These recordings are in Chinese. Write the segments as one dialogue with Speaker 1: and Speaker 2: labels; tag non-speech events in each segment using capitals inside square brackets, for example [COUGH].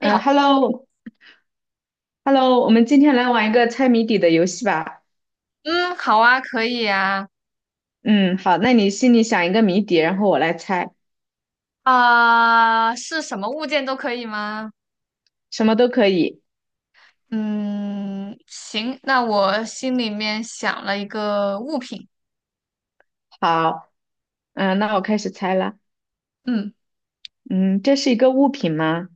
Speaker 1: 哎好，
Speaker 2: ，Hello，Hello，我们今天来玩一个猜谜底的游戏吧。
Speaker 1: 嗯，好啊，可以啊，
Speaker 2: 嗯，好，那你心里想一个谜底，然后我来猜，
Speaker 1: 啊、是什么物件都可以吗？
Speaker 2: 什么都可以。
Speaker 1: 嗯，行，那我心里面想了一个物品，
Speaker 2: 好，嗯，那我开始猜了。
Speaker 1: 嗯，
Speaker 2: 嗯，这是一个物品吗？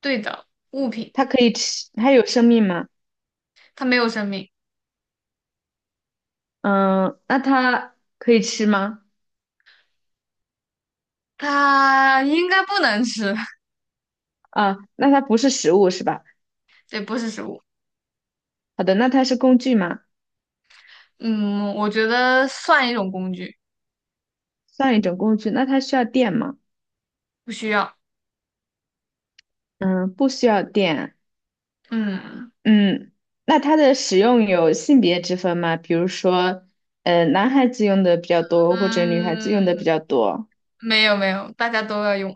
Speaker 1: 对的，物品，
Speaker 2: 它可以吃，它有生命吗？
Speaker 1: 它没有生命，
Speaker 2: 嗯，那它可以吃吗？
Speaker 1: 它应该不能吃，[LAUGHS]
Speaker 2: 啊，那它不是食物是吧？
Speaker 1: 对，不是食物，
Speaker 2: 好的，那它是工具吗？
Speaker 1: 嗯，我觉得算一种工具，
Speaker 2: 算一种工具，那它需要电吗？
Speaker 1: 不需要，
Speaker 2: 嗯，不需要电。
Speaker 1: 嗯
Speaker 2: 嗯，那它的使用有性别之分吗？比如说，男孩子用的比较多，或者女孩子用的
Speaker 1: 嗯，
Speaker 2: 比较多，
Speaker 1: 没有没有，大家都要用，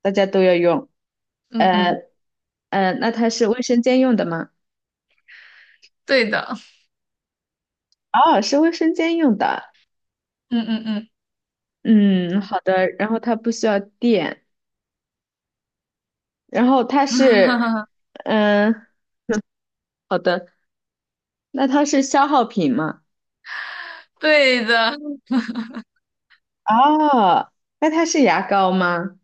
Speaker 2: 大家都要用。
Speaker 1: 嗯嗯，
Speaker 2: 呃那它是卫生间用的吗？
Speaker 1: 对的，
Speaker 2: 哦，是卫生间用的。
Speaker 1: 嗯嗯嗯，
Speaker 2: 嗯，好的。然后它不需要电，然后它
Speaker 1: [LAUGHS] 哈
Speaker 2: 是，
Speaker 1: 哈，
Speaker 2: 嗯，好的。那它是消耗品吗？
Speaker 1: 对的，
Speaker 2: 哦，那它是牙膏吗？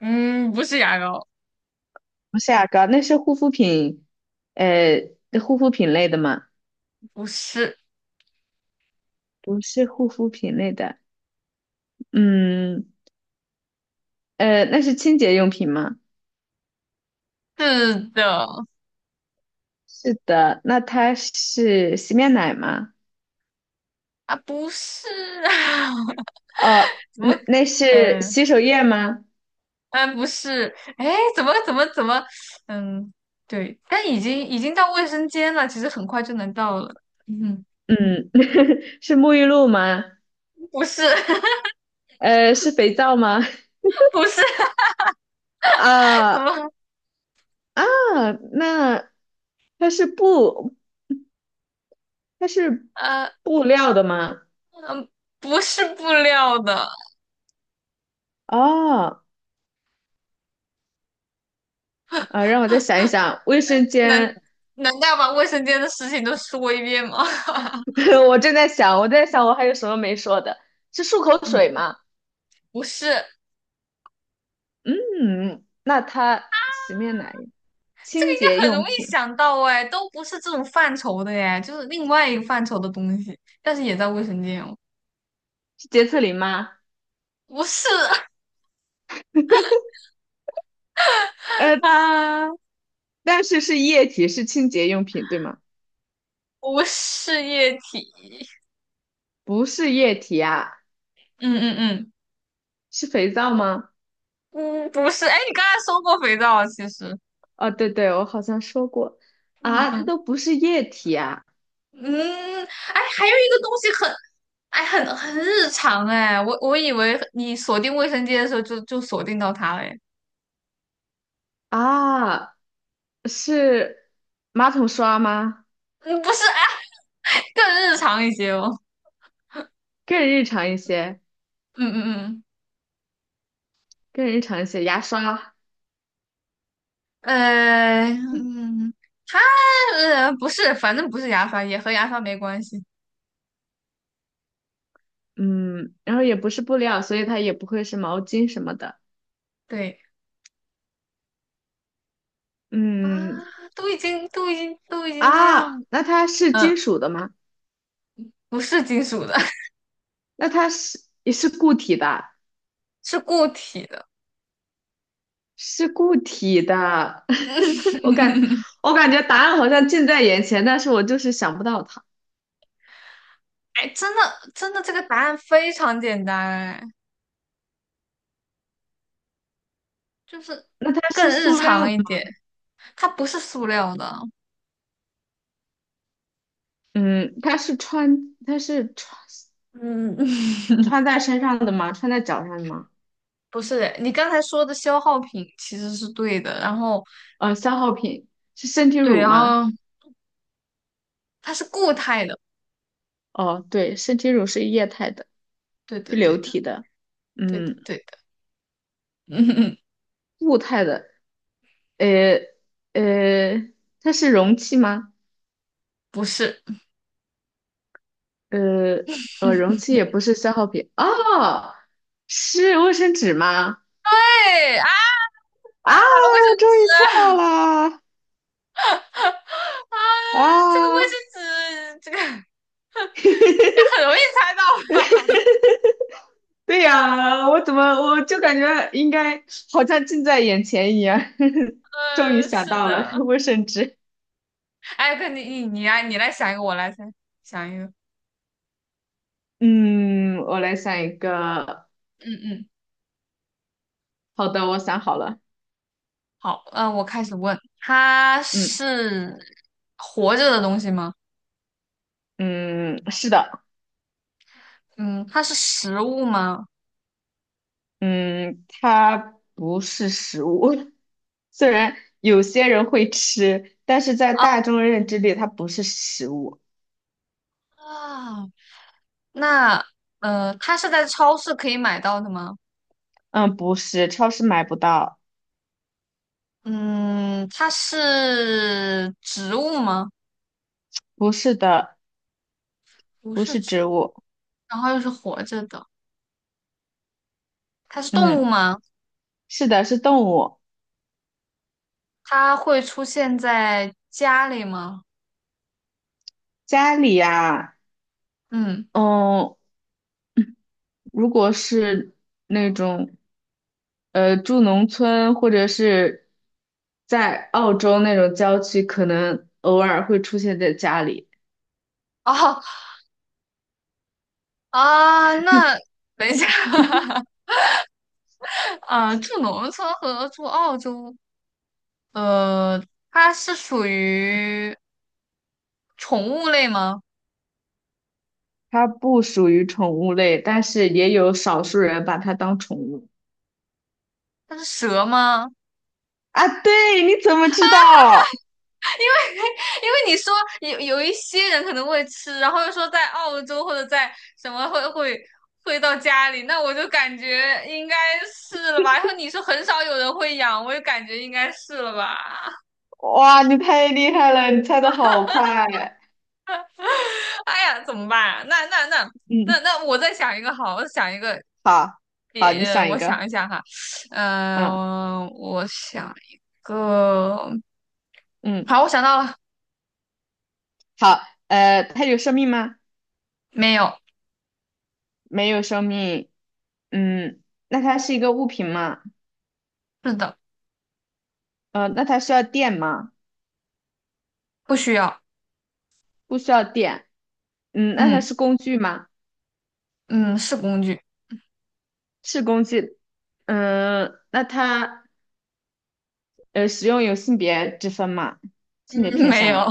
Speaker 1: 嗯，不是牙膏。
Speaker 2: 不是牙膏，那是护肤品，呃，护肤品类的吗？
Speaker 1: 不是，
Speaker 2: 不是护肤品类的，嗯，那是清洁用品吗？
Speaker 1: 是的，
Speaker 2: 是的，那它是洗面奶吗？
Speaker 1: 啊，不是啊，[LAUGHS]
Speaker 2: 哦，
Speaker 1: 怎么，
Speaker 2: 那是
Speaker 1: 嗯
Speaker 2: 洗手液吗？
Speaker 1: 嗯，不是，哎，怎么，嗯，对，但已经到卫生间了，其实很快就能到了，嗯，
Speaker 2: 嗯，[LAUGHS] 是沐浴露吗？
Speaker 1: 不是 [LAUGHS]
Speaker 2: 是肥皂吗？
Speaker 1: 不是，
Speaker 2: [LAUGHS]
Speaker 1: 怎
Speaker 2: 啊
Speaker 1: 么，
Speaker 2: 啊，那它是布，它是
Speaker 1: 呃
Speaker 2: 布料的吗？
Speaker 1: 嗯，不是布料的，
Speaker 2: 哦，啊，让我再想一想，卫生
Speaker 1: 难
Speaker 2: 间，
Speaker 1: 难道把卫生间的事情都说一遍吗？[LAUGHS]
Speaker 2: [LAUGHS] 我正在想，我在想我还有什么没说的，是漱口水
Speaker 1: 嗯，
Speaker 2: 吗？
Speaker 1: 不是，应
Speaker 2: 嗯，那它洗面奶、清洁
Speaker 1: 该很容
Speaker 2: 用
Speaker 1: 易
Speaker 2: 品
Speaker 1: 想到哎，都不是这种范畴的哎，就是另外一个范畴的东西，但是也在卫生间哦。
Speaker 2: 是洁厕灵吗？
Speaker 1: 不是
Speaker 2: 呃，
Speaker 1: 啊，[LAUGHS]
Speaker 2: 但是是液体，是清洁用品，对吗？
Speaker 1: 不是液体。
Speaker 2: 不是液体啊，
Speaker 1: 嗯嗯
Speaker 2: 是肥皂吗？
Speaker 1: 嗯嗯，不是。哎，你刚才说过肥皂啊其实。
Speaker 2: 哦，对对，我好像说过
Speaker 1: 嗯
Speaker 2: 啊，它
Speaker 1: 嗯
Speaker 2: 都不是液体啊
Speaker 1: 嗯，哎，还有一个东西很日常哎，我以为你锁定卫生间的时候就锁定到它了哎。
Speaker 2: 啊，是马桶刷吗？
Speaker 1: 嗯，不是哎，更日常一些哦。
Speaker 2: 更日常一些，
Speaker 1: 嗯嗯
Speaker 2: 更日常一些，牙刷，
Speaker 1: 嗯，嗯，它不是，反正不是牙刷，也和牙刷没关系。
Speaker 2: 嗯，然后也不是布料，所以它也不会是毛巾什么的，
Speaker 1: 对啊，
Speaker 2: 嗯
Speaker 1: 都已经这样。
Speaker 2: 那它是
Speaker 1: 嗯
Speaker 2: 金属的吗？
Speaker 1: 不是金属的，
Speaker 2: 那它是也是固体的，
Speaker 1: [LAUGHS] 是固体的。
Speaker 2: 是固体的。[LAUGHS] 我感
Speaker 1: [LAUGHS]
Speaker 2: 我感觉答案好像近在眼前，但是我就是想不到它。
Speaker 1: 哎，真的真的，这个答案非常简单，哎，就是
Speaker 2: 那它
Speaker 1: 更
Speaker 2: 是
Speaker 1: 日
Speaker 2: 塑料
Speaker 1: 常
Speaker 2: 的，
Speaker 1: 一点，它不是塑料的。
Speaker 2: 嗯，它是穿它是穿
Speaker 1: 嗯，[LAUGHS]
Speaker 2: 穿在身上的吗？穿在脚上的吗？
Speaker 1: 不是的你刚才说的消耗品其实是对的，然后
Speaker 2: 呃，消耗品是身体
Speaker 1: 对，
Speaker 2: 乳
Speaker 1: 然
Speaker 2: 吗？
Speaker 1: 后它是固态的，
Speaker 2: 哦，对，身体乳是液态的，
Speaker 1: 对
Speaker 2: 是
Speaker 1: 的，
Speaker 2: 流
Speaker 1: 对的，
Speaker 2: 体的，
Speaker 1: 对的，
Speaker 2: 嗯，
Speaker 1: 对的，[LAUGHS] 嗯，
Speaker 2: 固态的，呃呃，它是容器吗？
Speaker 1: 不是，
Speaker 2: 呃容器也不是消耗品哦，是卫生纸吗？
Speaker 1: 对啊，
Speaker 2: 啊，
Speaker 1: 卫
Speaker 2: 我
Speaker 1: 生
Speaker 2: 终
Speaker 1: 纸
Speaker 2: 于猜到了
Speaker 1: [LAUGHS] 啊，这个卫
Speaker 2: 啊！
Speaker 1: 生纸，这个 [LAUGHS] 很
Speaker 2: [LAUGHS]
Speaker 1: 容易猜到。
Speaker 2: 对呀，我怎么我就感觉应该好像近在眼前一样，[LAUGHS] 终于
Speaker 1: 嗯，
Speaker 2: 想
Speaker 1: 是
Speaker 2: 到了
Speaker 1: 的。
Speaker 2: 卫生纸。
Speaker 1: 哎，哥，你来，你来想一个，我来猜，想一个。
Speaker 2: 嗯，我来想一个。
Speaker 1: 嗯嗯，
Speaker 2: 好的，我想好了。
Speaker 1: 好，我开始问，它
Speaker 2: 嗯
Speaker 1: 是活着的东西吗？
Speaker 2: 嗯，是的，
Speaker 1: 嗯，它是食物吗？
Speaker 2: 嗯，它不是食物。[LAUGHS] 虽然有些人会吃，但是在大众认知里，它不是食物。
Speaker 1: 啊，那它是在超市可以买到的吗？
Speaker 2: 嗯，不是，超市买不到。
Speaker 1: 嗯，它是植物吗？
Speaker 2: 不是的，
Speaker 1: 不
Speaker 2: 不
Speaker 1: 是
Speaker 2: 是
Speaker 1: 植
Speaker 2: 植
Speaker 1: 物，
Speaker 2: 物。
Speaker 1: 然后又是活着的，它是动物
Speaker 2: 嗯，
Speaker 1: 吗？
Speaker 2: 是的，是动物。
Speaker 1: 它会出现在家里吗？
Speaker 2: 家里呀，
Speaker 1: 嗯，
Speaker 2: 嗯，如果是那种住农村或者是在澳洲那种郊区，可能偶尔会出现在家里。
Speaker 1: 哦，[LAUGHS] 啊，那等一下，[LAUGHS] 啊，住农村和住澳洲，呃，它是属于宠物类吗？
Speaker 2: 它不属于宠物类，但是也有少数人把它当宠物。
Speaker 1: 它是蛇吗？
Speaker 2: 啊，对，你怎么知道？
Speaker 1: [LAUGHS] 因为你说有一些人可能会吃，然后又说在澳洲或者在什么会到家里，那我就感觉应该是了吧。然后你说很少有人会养，我就感觉应该是了吧。
Speaker 2: 哇，你太厉害了，你猜的好快。
Speaker 1: [LAUGHS] 哎呀，怎么办啊那那那那
Speaker 2: 嗯，
Speaker 1: 那，我再想一个好，我再想一个
Speaker 2: 好，好，
Speaker 1: 也，
Speaker 2: 你想一
Speaker 1: 我
Speaker 2: 个。
Speaker 1: 想一下哈，嗯、
Speaker 2: 嗯
Speaker 1: 我想一个，
Speaker 2: 嗯，
Speaker 1: 好，我想到了，
Speaker 2: 好。呃，它有生命吗？
Speaker 1: 没有，
Speaker 2: 没有生命。嗯，那它是一个物品吗？
Speaker 1: 是的，
Speaker 2: 呃，那它需要电吗？
Speaker 1: 不需要，
Speaker 2: 不需要电。嗯，那它
Speaker 1: 嗯
Speaker 2: 是工具吗？
Speaker 1: 嗯，是工具，
Speaker 2: 是工具。嗯，那它使用有性别之分吗？性别
Speaker 1: 嗯，[LAUGHS]
Speaker 2: 偏
Speaker 1: 没
Speaker 2: 向
Speaker 1: 有，
Speaker 2: 吗？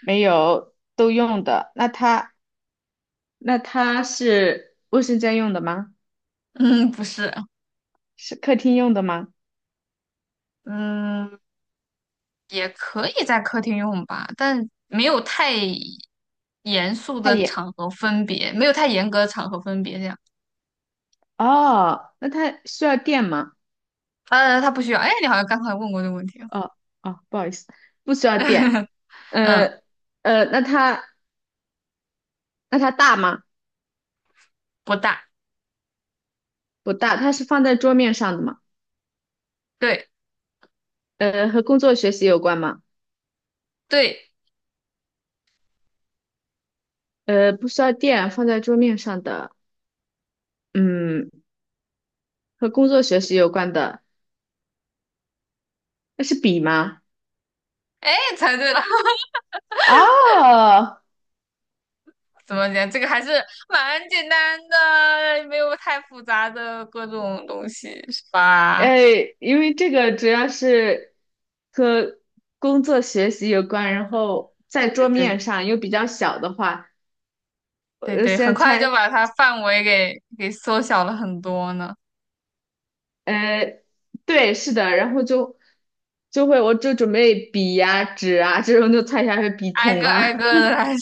Speaker 2: 没有，都用的。那它是卫生间用的吗？
Speaker 1: [LAUGHS] 嗯，不是，
Speaker 2: 是客厅用的吗？
Speaker 1: 嗯，也可以在客厅用吧，但没有太严肃
Speaker 2: 它
Speaker 1: 的
Speaker 2: 也，
Speaker 1: 场合分别，没有太严格的场合分别这样，
Speaker 2: 哦，那它需要电吗？
Speaker 1: 它不需要，哎，你好像刚才问过这个问题了
Speaker 2: 哦哦，不好意思，不需要电。
Speaker 1: [LAUGHS] 嗯，
Speaker 2: 呃那它大吗？
Speaker 1: 不大，
Speaker 2: 不大，它是放在桌面上的吗？
Speaker 1: 对
Speaker 2: 呃，和工作学习有关吗？
Speaker 1: 对，
Speaker 2: 呃，不需要电，放在桌面上的，嗯，和工作学习有关的，那是笔吗？
Speaker 1: 哎，猜对了。
Speaker 2: 哦，
Speaker 1: 怎么讲？这个还是蛮简单的，没有太复杂的各种东西，是吧？
Speaker 2: 哎，因为这个主要是和工作学习有关，然后在
Speaker 1: 对
Speaker 2: 桌
Speaker 1: 对
Speaker 2: 面上又比较小的话，
Speaker 1: 对
Speaker 2: 呃，
Speaker 1: 对，很
Speaker 2: 先
Speaker 1: 快
Speaker 2: 猜，
Speaker 1: 就把它范围给缩小了很多呢。
Speaker 2: 呃，对，是的，然后就会，我就准备笔呀、纸啊这种，就猜一下是笔
Speaker 1: 挨
Speaker 2: 筒
Speaker 1: 个挨
Speaker 2: 啊，
Speaker 1: 个的来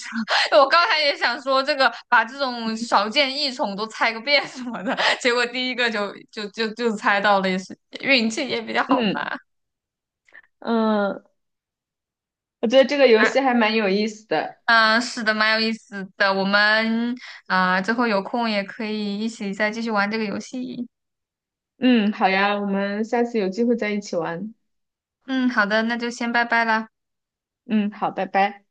Speaker 1: 说，[LAUGHS] 我刚才也想说这个，把这种少见异宠都猜个遍什么的，结果第一个就猜到了，也是运气也比较
Speaker 2: [LAUGHS]
Speaker 1: 好
Speaker 2: 嗯
Speaker 1: 吧。
Speaker 2: 嗯，我觉得这个游戏还蛮有意思的，
Speaker 1: 啊，嗯、是的，蛮有意思的。我们啊、之后有空也可以一起再继续玩这个游戏。
Speaker 2: 嗯，好呀，我们下次有机会再一起玩，
Speaker 1: 嗯，好的，那就先拜拜啦。
Speaker 2: 嗯，好，拜拜。